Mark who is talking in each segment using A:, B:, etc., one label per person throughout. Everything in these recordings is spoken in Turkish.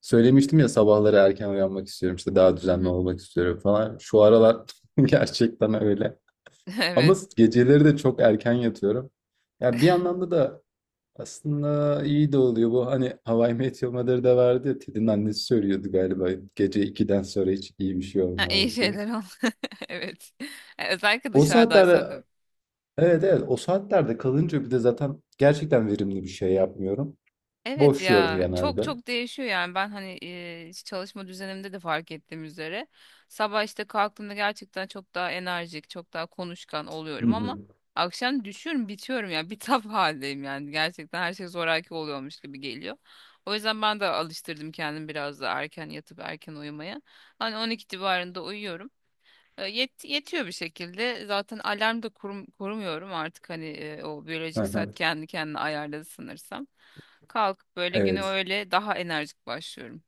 A: Söylemiştim ya sabahları erken uyanmak istiyorum işte daha
B: Hı
A: düzenli
B: hı.
A: olmak istiyorum falan. Şu aralar gerçekten öyle. Ama
B: Evet.
A: geceleri de çok erken yatıyorum. Ya bir anlamda da aslında iyi de oluyor bu. Hani How I Met Your Mother'da da vardı ya Ted'in annesi söylüyordu galiba. Gece 2'den sonra hiç iyi bir şey
B: Ha, iyi
A: olmaz diye.
B: şeyler ol. Evet. Özellikle
A: O
B: dışarıdaysan tabii.
A: saatlerde Evet, evet, o saatlerde kalınca bir de zaten gerçekten verimli bir şey yapmıyorum.
B: Evet
A: Boşluyorum
B: ya, çok
A: genelde.
B: çok değişiyor yani ben hani çalışma düzenimde de fark ettiğim üzere sabah işte kalktığımda gerçekten çok daha enerjik, çok daha konuşkan
A: Hı
B: oluyorum
A: hı.
B: ama akşam düşüyorum, bitiyorum ya, bitap haldeyim yani gerçekten her şey zoraki oluyormuş gibi geliyor. O yüzden ben de alıştırdım kendimi biraz da erken yatıp erken uyumaya. Hani 12 civarında uyuyorum. Yetiyor bir şekilde. Zaten alarm da kurmuyorum artık, hani o
A: Hı
B: biyolojik
A: hı.
B: saat kendi kendine ayarladı sanırsam. Kalkıp böyle güne
A: Evet.
B: öyle daha enerjik başlıyorum.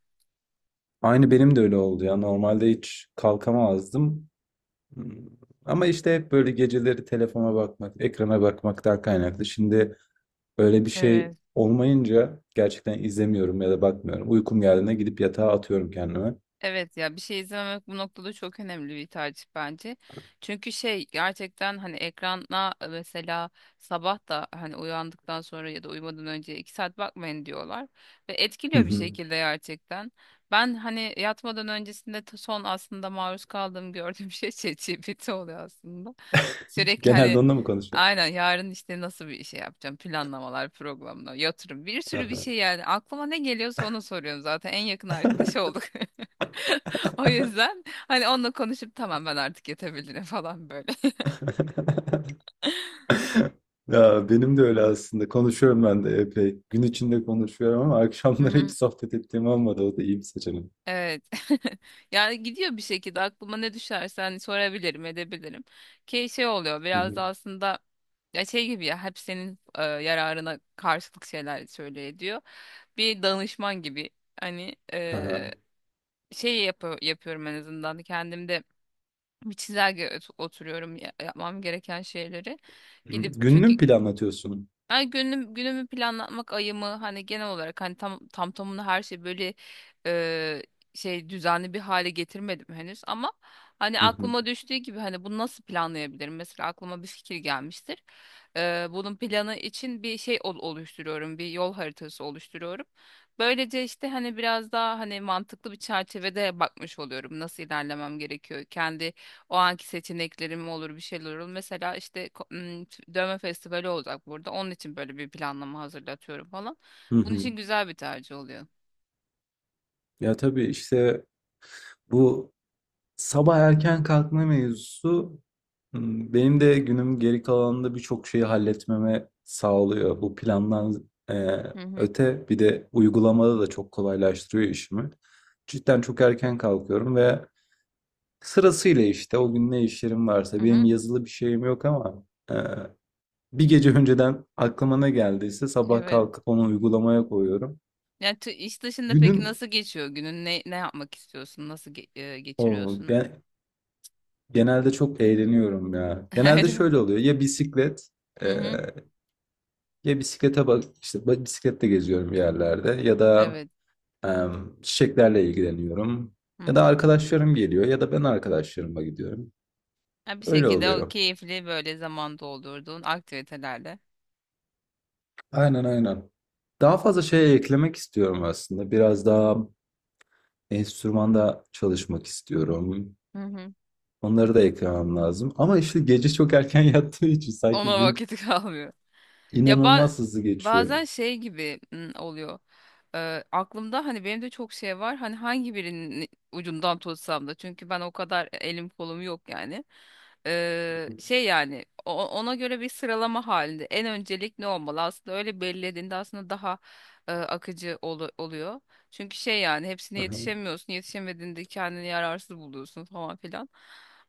A: Aynı benim de öyle oldu ya. Normalde hiç kalkamazdım. Hmm, Ama işte hep böyle geceleri telefona bakmak, ekrana bakmaktan kaynaklı. Şimdi öyle bir şey
B: Evet.
A: olmayınca gerçekten izlemiyorum ya da bakmıyorum. Uykum geldiğinde gidip yatağa atıyorum kendime.
B: Evet ya, bir şey izlememek bu noktada çok önemli bir tercih bence. Çünkü şey gerçekten, hani ekrana mesela sabah da hani uyandıktan sonra ya da uyumadan önce 2 saat bakmayın diyorlar. Ve
A: Hı
B: etkiliyor bir
A: hı.
B: şekilde gerçekten. Ben hani yatmadan öncesinde son aslında maruz kaldığım, gördüğüm şey ChatGPT oluyor aslında. Sürekli
A: Genelde
B: hani
A: onunla mı konuşuyorsun?
B: aynen, yarın işte nasıl bir şey yapacağım, planlamalar, programlar, yatırım, bir sürü bir
A: Aha.
B: şey, yani aklıma ne geliyorsa onu soruyorum, zaten en yakın arkadaş olduk. O yüzden hani onunla konuşup tamam, ben artık yetebilirim falan böyle.
A: Ya benim de öyle aslında. Konuşuyorum ben de epey. Gün içinde konuşuyorum ama
B: Hı
A: akşamları hiç
B: hı.
A: sohbet ettiğim olmadı. O da iyi bir seçenek.
B: Evet. Yani gidiyor bir şekilde, aklıma ne düşerse hani sorabilirim, edebilirim. Ki şey oluyor
A: Hı
B: biraz da
A: hı.
B: aslında, ya şey gibi, ya hep senin yararına karşılık şeyler söylüyor, ediyor. Bir danışman gibi hani
A: Aha.
B: yapıyorum en azından kendimde bir çizelge oturuyorum, yapmam gereken şeyleri. Gidip
A: Gününü
B: çünkü.
A: mü planlatıyorsun?
B: Yani günümü planlatmak, ayımı hani genel olarak, hani tamına her şey böyle e, şey düzenli bir hale getirmedim henüz ama hani
A: Hı hı.
B: aklıma düştüğü gibi, hani bunu nasıl planlayabilirim? Mesela aklıma bir fikir gelmiştir. Bunun planı için bir şey oluşturuyorum, bir yol haritası oluşturuyorum. Böylece işte hani biraz daha, hani mantıklı bir çerçevede bakmış oluyorum nasıl ilerlemem gerekiyor. Kendi o anki seçeneklerim olur, bir şeyler olur. Mesela işte dövme festivali olacak burada. Onun için böyle bir planlama hazırlatıyorum falan.
A: Hı
B: Bunun
A: hı.
B: için güzel bir tercih oluyor.
A: Ya tabii işte bu sabah erken kalkma mevzusu benim de günüm geri kalanında birçok şeyi halletmeme sağlıyor. Bu plandan
B: Hı hı.
A: öte bir de uygulamada da çok kolaylaştırıyor işimi. Cidden çok erken kalkıyorum ve sırasıyla işte o gün ne işlerim
B: Hı
A: varsa benim
B: hı.
A: yazılı bir şeyim yok ama e, bir gece önceden aklıma ne geldiyse sabah
B: Evet.
A: kalkıp onu uygulamaya koyuyorum.
B: Yani iş dışında peki
A: Günün
B: nasıl geçiyor günün? Ne yapmak istiyorsun? Nasıl
A: o
B: geçiriyorsun?
A: yani Genelde çok eğleniyorum ya. Genelde
B: Öyle.
A: şöyle oluyor.
B: Hı
A: E,
B: hı.
A: ya bisiklete bak işte bisikletle geziyorum bir yerlerde ya da
B: Evet.
A: e, çiçeklerle ilgileniyorum.
B: Hı
A: Ya da
B: hı.
A: arkadaşlarım geliyor ya da ben arkadaşlarıma gidiyorum.
B: Ha, bir
A: Öyle
B: şekilde o
A: oluyor.
B: keyifli böyle zaman doldurduğun aktivitelerle.
A: Aynen, aynen. Daha fazla şey eklemek istiyorum aslında. Biraz daha enstrümanda çalışmak istiyorum.
B: Hı hı.
A: Onları da eklemem lazım. Ama işte gece çok erken yattığı için sanki
B: Ona
A: gün
B: vakit kalmıyor. Ya
A: inanılmaz hızlı geçiyor.
B: bazen şey gibi oluyor. Aklımda hani benim de çok şey var. Hani hangi birinin ucundan tutsam da. Çünkü ben o kadar elim kolum yok yani. Şey yani ona göre bir sıralama halinde. En öncelik ne olmalı? Aslında öyle belirlediğinde aslında daha akıcı oluyor. Çünkü şey yani hepsine
A: Aha.
B: yetişemiyorsun. Yetişemediğinde kendini yararsız buluyorsun falan filan.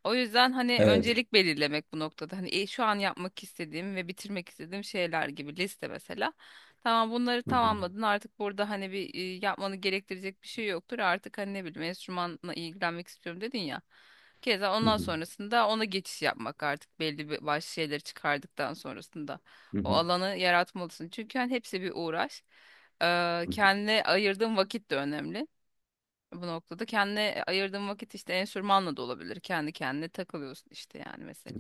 B: O yüzden hani
A: Evet.
B: öncelik belirlemek bu noktada. Hani şu an yapmak istediğim ve bitirmek istediğim şeyler gibi liste mesela. Tamam, bunları
A: Hı hı,
B: tamamladın artık, burada hani bir yapmanı gerektirecek bir şey yoktur. Artık hani ne bileyim, enstrümanla ilgilenmek istiyorum dedin ya. Keza
A: hı
B: ondan
A: hı,
B: sonrasında ona geçiş yapmak artık belli bir başlı şeyleri çıkardıktan sonrasında.
A: hı
B: O
A: hı,
B: alanı yaratmalısın. Çünkü hani hepsi bir uğraş. Ee,
A: hı hı.
B: kendine ayırdığın vakit de önemli bu noktada. Kendine ayırdığın vakit işte enstrümanla da olabilir. Kendi kendine takılıyorsun işte yani mesela.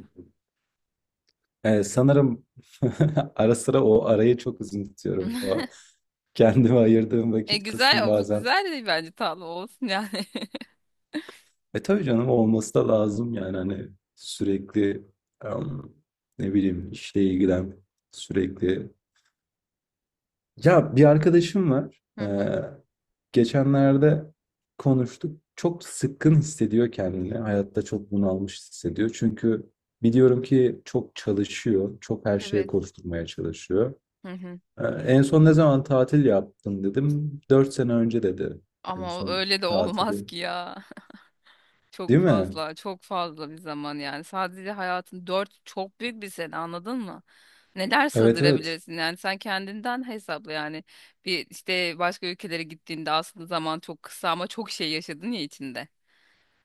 A: Sanırım ara sıra o arayı çok uzun tutuyorum. O kendime ayırdığım
B: E
A: vakit kısmı
B: güzel bu,
A: bazen.
B: güzel de bence tatlı olsun yani.
A: E tabii canım olması da lazım yani hani sürekli em, ne bileyim işle ilgilen sürekli. Ya bir arkadaşım var.
B: Hı hı.
A: Geçenlerde konuştuk. Çok sıkkın hissediyor kendini. Hayatta çok bunalmış hissediyor. Çünkü biliyorum ki çok çalışıyor. Çok her şeye
B: Evet.
A: koşturmaya çalışıyor.
B: Hı hı.
A: En son ne zaman tatil yaptın dedim. 4 sene önce dedi. En
B: Ama
A: son
B: öyle de
A: tatili.
B: olmaz ki ya.
A: Değil
B: Çok
A: mi?
B: fazla, çok fazla bir zaman yani. Sadece hayatın dört, çok büyük bir sene, anladın mı? Neler
A: Evet, evet.
B: sığdırabilirsin yani sen kendinden hesapla yani. Bir işte başka ülkelere gittiğinde aslında zaman çok kısa ama çok şey yaşadın ya içinde.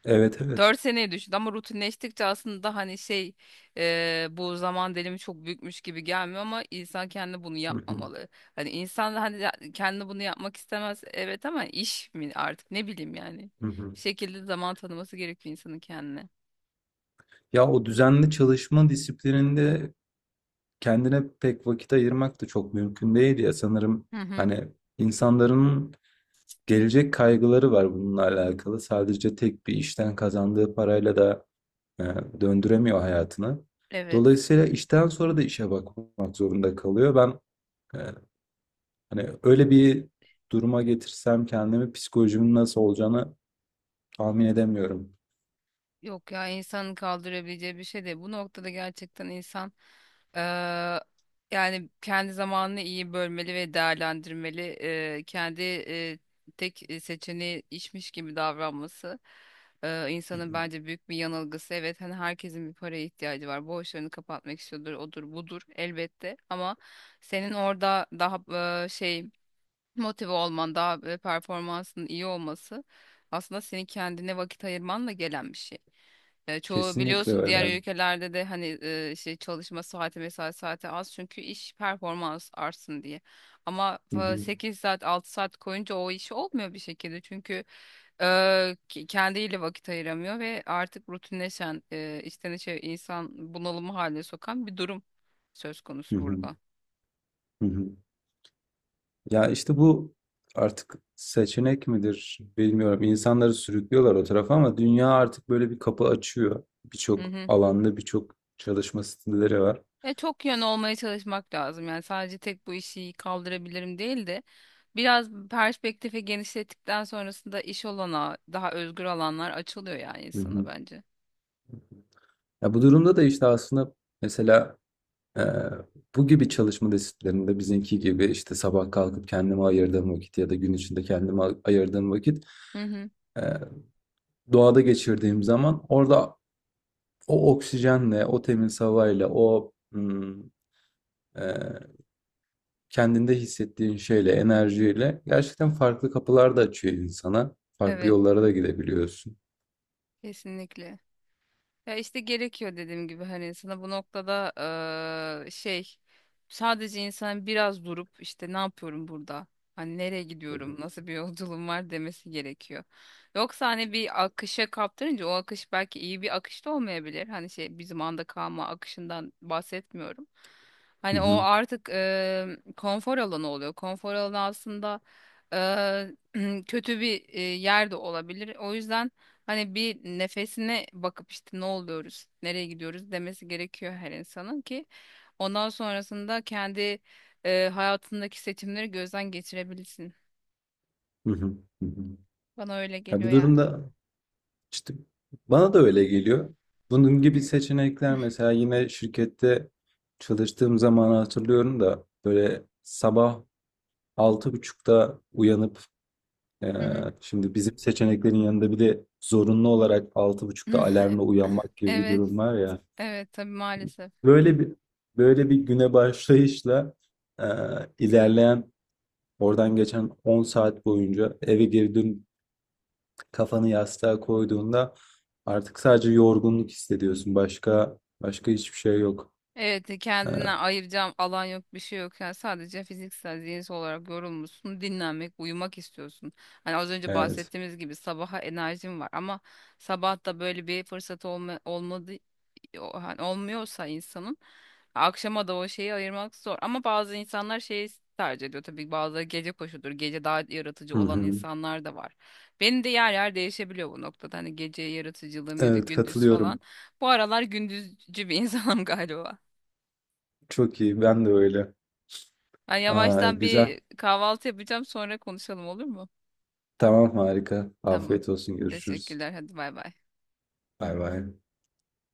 A: Evet, evet.
B: 4 seneye düştü ama rutinleştikçe aslında hani şey, bu zaman dilimi çok büyükmüş gibi gelmiyor ama insan kendi bunu
A: Hı hı,
B: yapmamalı. Hani insan da hani kendi bunu yapmak istemez, evet, ama iş mi artık, ne bileyim yani.
A: hı hı.
B: Bir şekilde zaman tanıması gerekiyor insanın kendine.
A: Ya o düzenli çalışma disiplininde kendine pek vakit ayırmak da çok mümkün değil ya. Sanırım
B: Hı hı.
A: hani insanların gelecek kaygıları var bununla alakalı. Sadece tek bir işten kazandığı parayla da e, döndüremiyor hayatını.
B: Evet.
A: Dolayısıyla işten sonra da işe bakmak zorunda kalıyor. Ben e, hani öyle bir duruma getirsem kendimi psikolojimin nasıl olacağını tahmin edemiyorum.
B: Yok ya, insanın kaldırabileceği bir şey değil. Bu noktada gerçekten insan eee, yani kendi zamanını iyi bölmeli ve değerlendirmeli. Kendi tek seçeneği işmiş gibi davranması insanın bence büyük bir yanılgısı. Evet, hani herkesin bir paraya ihtiyacı var. Borçlarını kapatmak istiyordur, odur budur elbette. Ama senin orada daha şey motive olman, daha performansın iyi olması aslında senin kendine vakit ayırmanla gelen bir şey. Çoğu
A: Kesinlikle
B: biliyorsun,
A: öyle.
B: diğer ülkelerde de hani şey çalışma saati, mesai saati az çünkü iş performans artsın diye. Ama
A: Hı hı,
B: 8 saat, 6 saat koyunca o iş olmuyor bir şekilde çünkü e, kendiyle vakit ayıramıyor ve artık rutinleşen, içten içe insan bunalımı haline sokan bir durum söz
A: hı
B: konusu
A: hı,
B: burada.
A: hı hı. Ya işte bu artık seçenek midir bilmiyorum. İnsanları sürüklüyorlar o tarafa ama dünya artık böyle bir kapı açıyor. Birçok alanda birçok çalışma stilleri var.
B: Çok yön olmaya çalışmak lazım. Yani sadece tek bu işi kaldırabilirim değil de biraz perspektifi genişlettikten sonrasında iş olana daha özgür alanlar açılıyor yani
A: Hı
B: insana
A: hı.
B: bence.
A: Ya bu durumda da işte aslında mesela e, bu gibi çalışma disiplinlerinde bizimki gibi işte sabah kalkıp kendime ayırdığım vakit ya da gün içinde kendime ayırdığım vakit
B: Hı hı.
A: e, doğada geçirdiğim zaman orada o oksijenle, o temiz havayla, e, kendinde hissettiğin şeyle, enerjiyle gerçekten farklı kapılar da açıyor insana. Farklı
B: Evet,
A: yollara da gidebiliyorsun.
B: kesinlikle. Ya işte gerekiyor, dediğim gibi hani sana bu noktada şey sadece insan biraz durup işte, ne yapıyorum burada? Hani nereye gidiyorum? Nasıl bir yolculuğum var demesi gerekiyor. Yoksa hani bir akışa kaptırınca o akış belki iyi bir akış da olmayabilir. Hani şey, bizim anda kalma akışından bahsetmiyorum.
A: Hı
B: Hani o
A: hı.
B: artık konfor alanı oluyor. Konfor alanı aslında kötü bir yer de olabilir. O yüzden hani bir nefesine bakıp işte, ne oluyoruz, nereye gidiyoruz demesi gerekiyor her insanın ki ondan sonrasında kendi hayatındaki seçimleri gözden geçirebilsin.
A: Hı hı, hı hı.
B: Bana öyle
A: Ya
B: geliyor
A: bu
B: yani.
A: durumda işte bana da öyle geliyor. Bunun gibi seçenekler mesela yine şirkette çalıştığım zaman hatırlıyorum da böyle sabah 6.30'da uyanıp e,
B: Hı hı.
A: şimdi bizim seçeneklerin yanında bir de zorunlu olarak 6.30'da alarmla uyanmak gibi bir
B: Evet,
A: durum var ya.
B: evet tabii maalesef.
A: Böyle bir böyle bir güne başlayışla e, ilerleyen oradan geçen 10 saat boyunca eve girdin kafanı yastığa koyduğunda artık sadece yorgunluk hissediyorsun. Başka başka hiçbir şey yok.
B: Evet,
A: E,
B: kendinden ayıracağım alan yok, bir şey yok. Yani sadece fiziksel, zihinsel olarak yorulmuşsun, dinlenmek, uyumak istiyorsun. Hani az önce
A: evet.
B: bahsettiğimiz gibi sabaha enerjim var ama sabah da böyle bir fırsat olmadı, hani olmuyorsa insanın akşama da o şeyi ayırmak zor. Ama bazı insanlar şeyi tercih ediyor tabii, bazıları gece koşudur. Gece daha yaratıcı
A: Hı
B: olan
A: hı.
B: insanlar da var. Benim de yer yer değişebiliyor bu noktada. Hani gece yaratıcılığım ya da
A: Evet,
B: gündüz falan.
A: katılıyorum.
B: Bu aralar gündüzcü bir insanım galiba.
A: Çok iyi. Ben de öyle.
B: Ben
A: Aa,
B: yavaştan
A: güzel.
B: bir kahvaltı yapacağım, sonra konuşalım olur mu?
A: Tamam, harika.
B: Tamam.
A: Afiyet olsun. Görüşürüz.
B: Teşekkürler. Hadi bay bay.
A: Bay bay.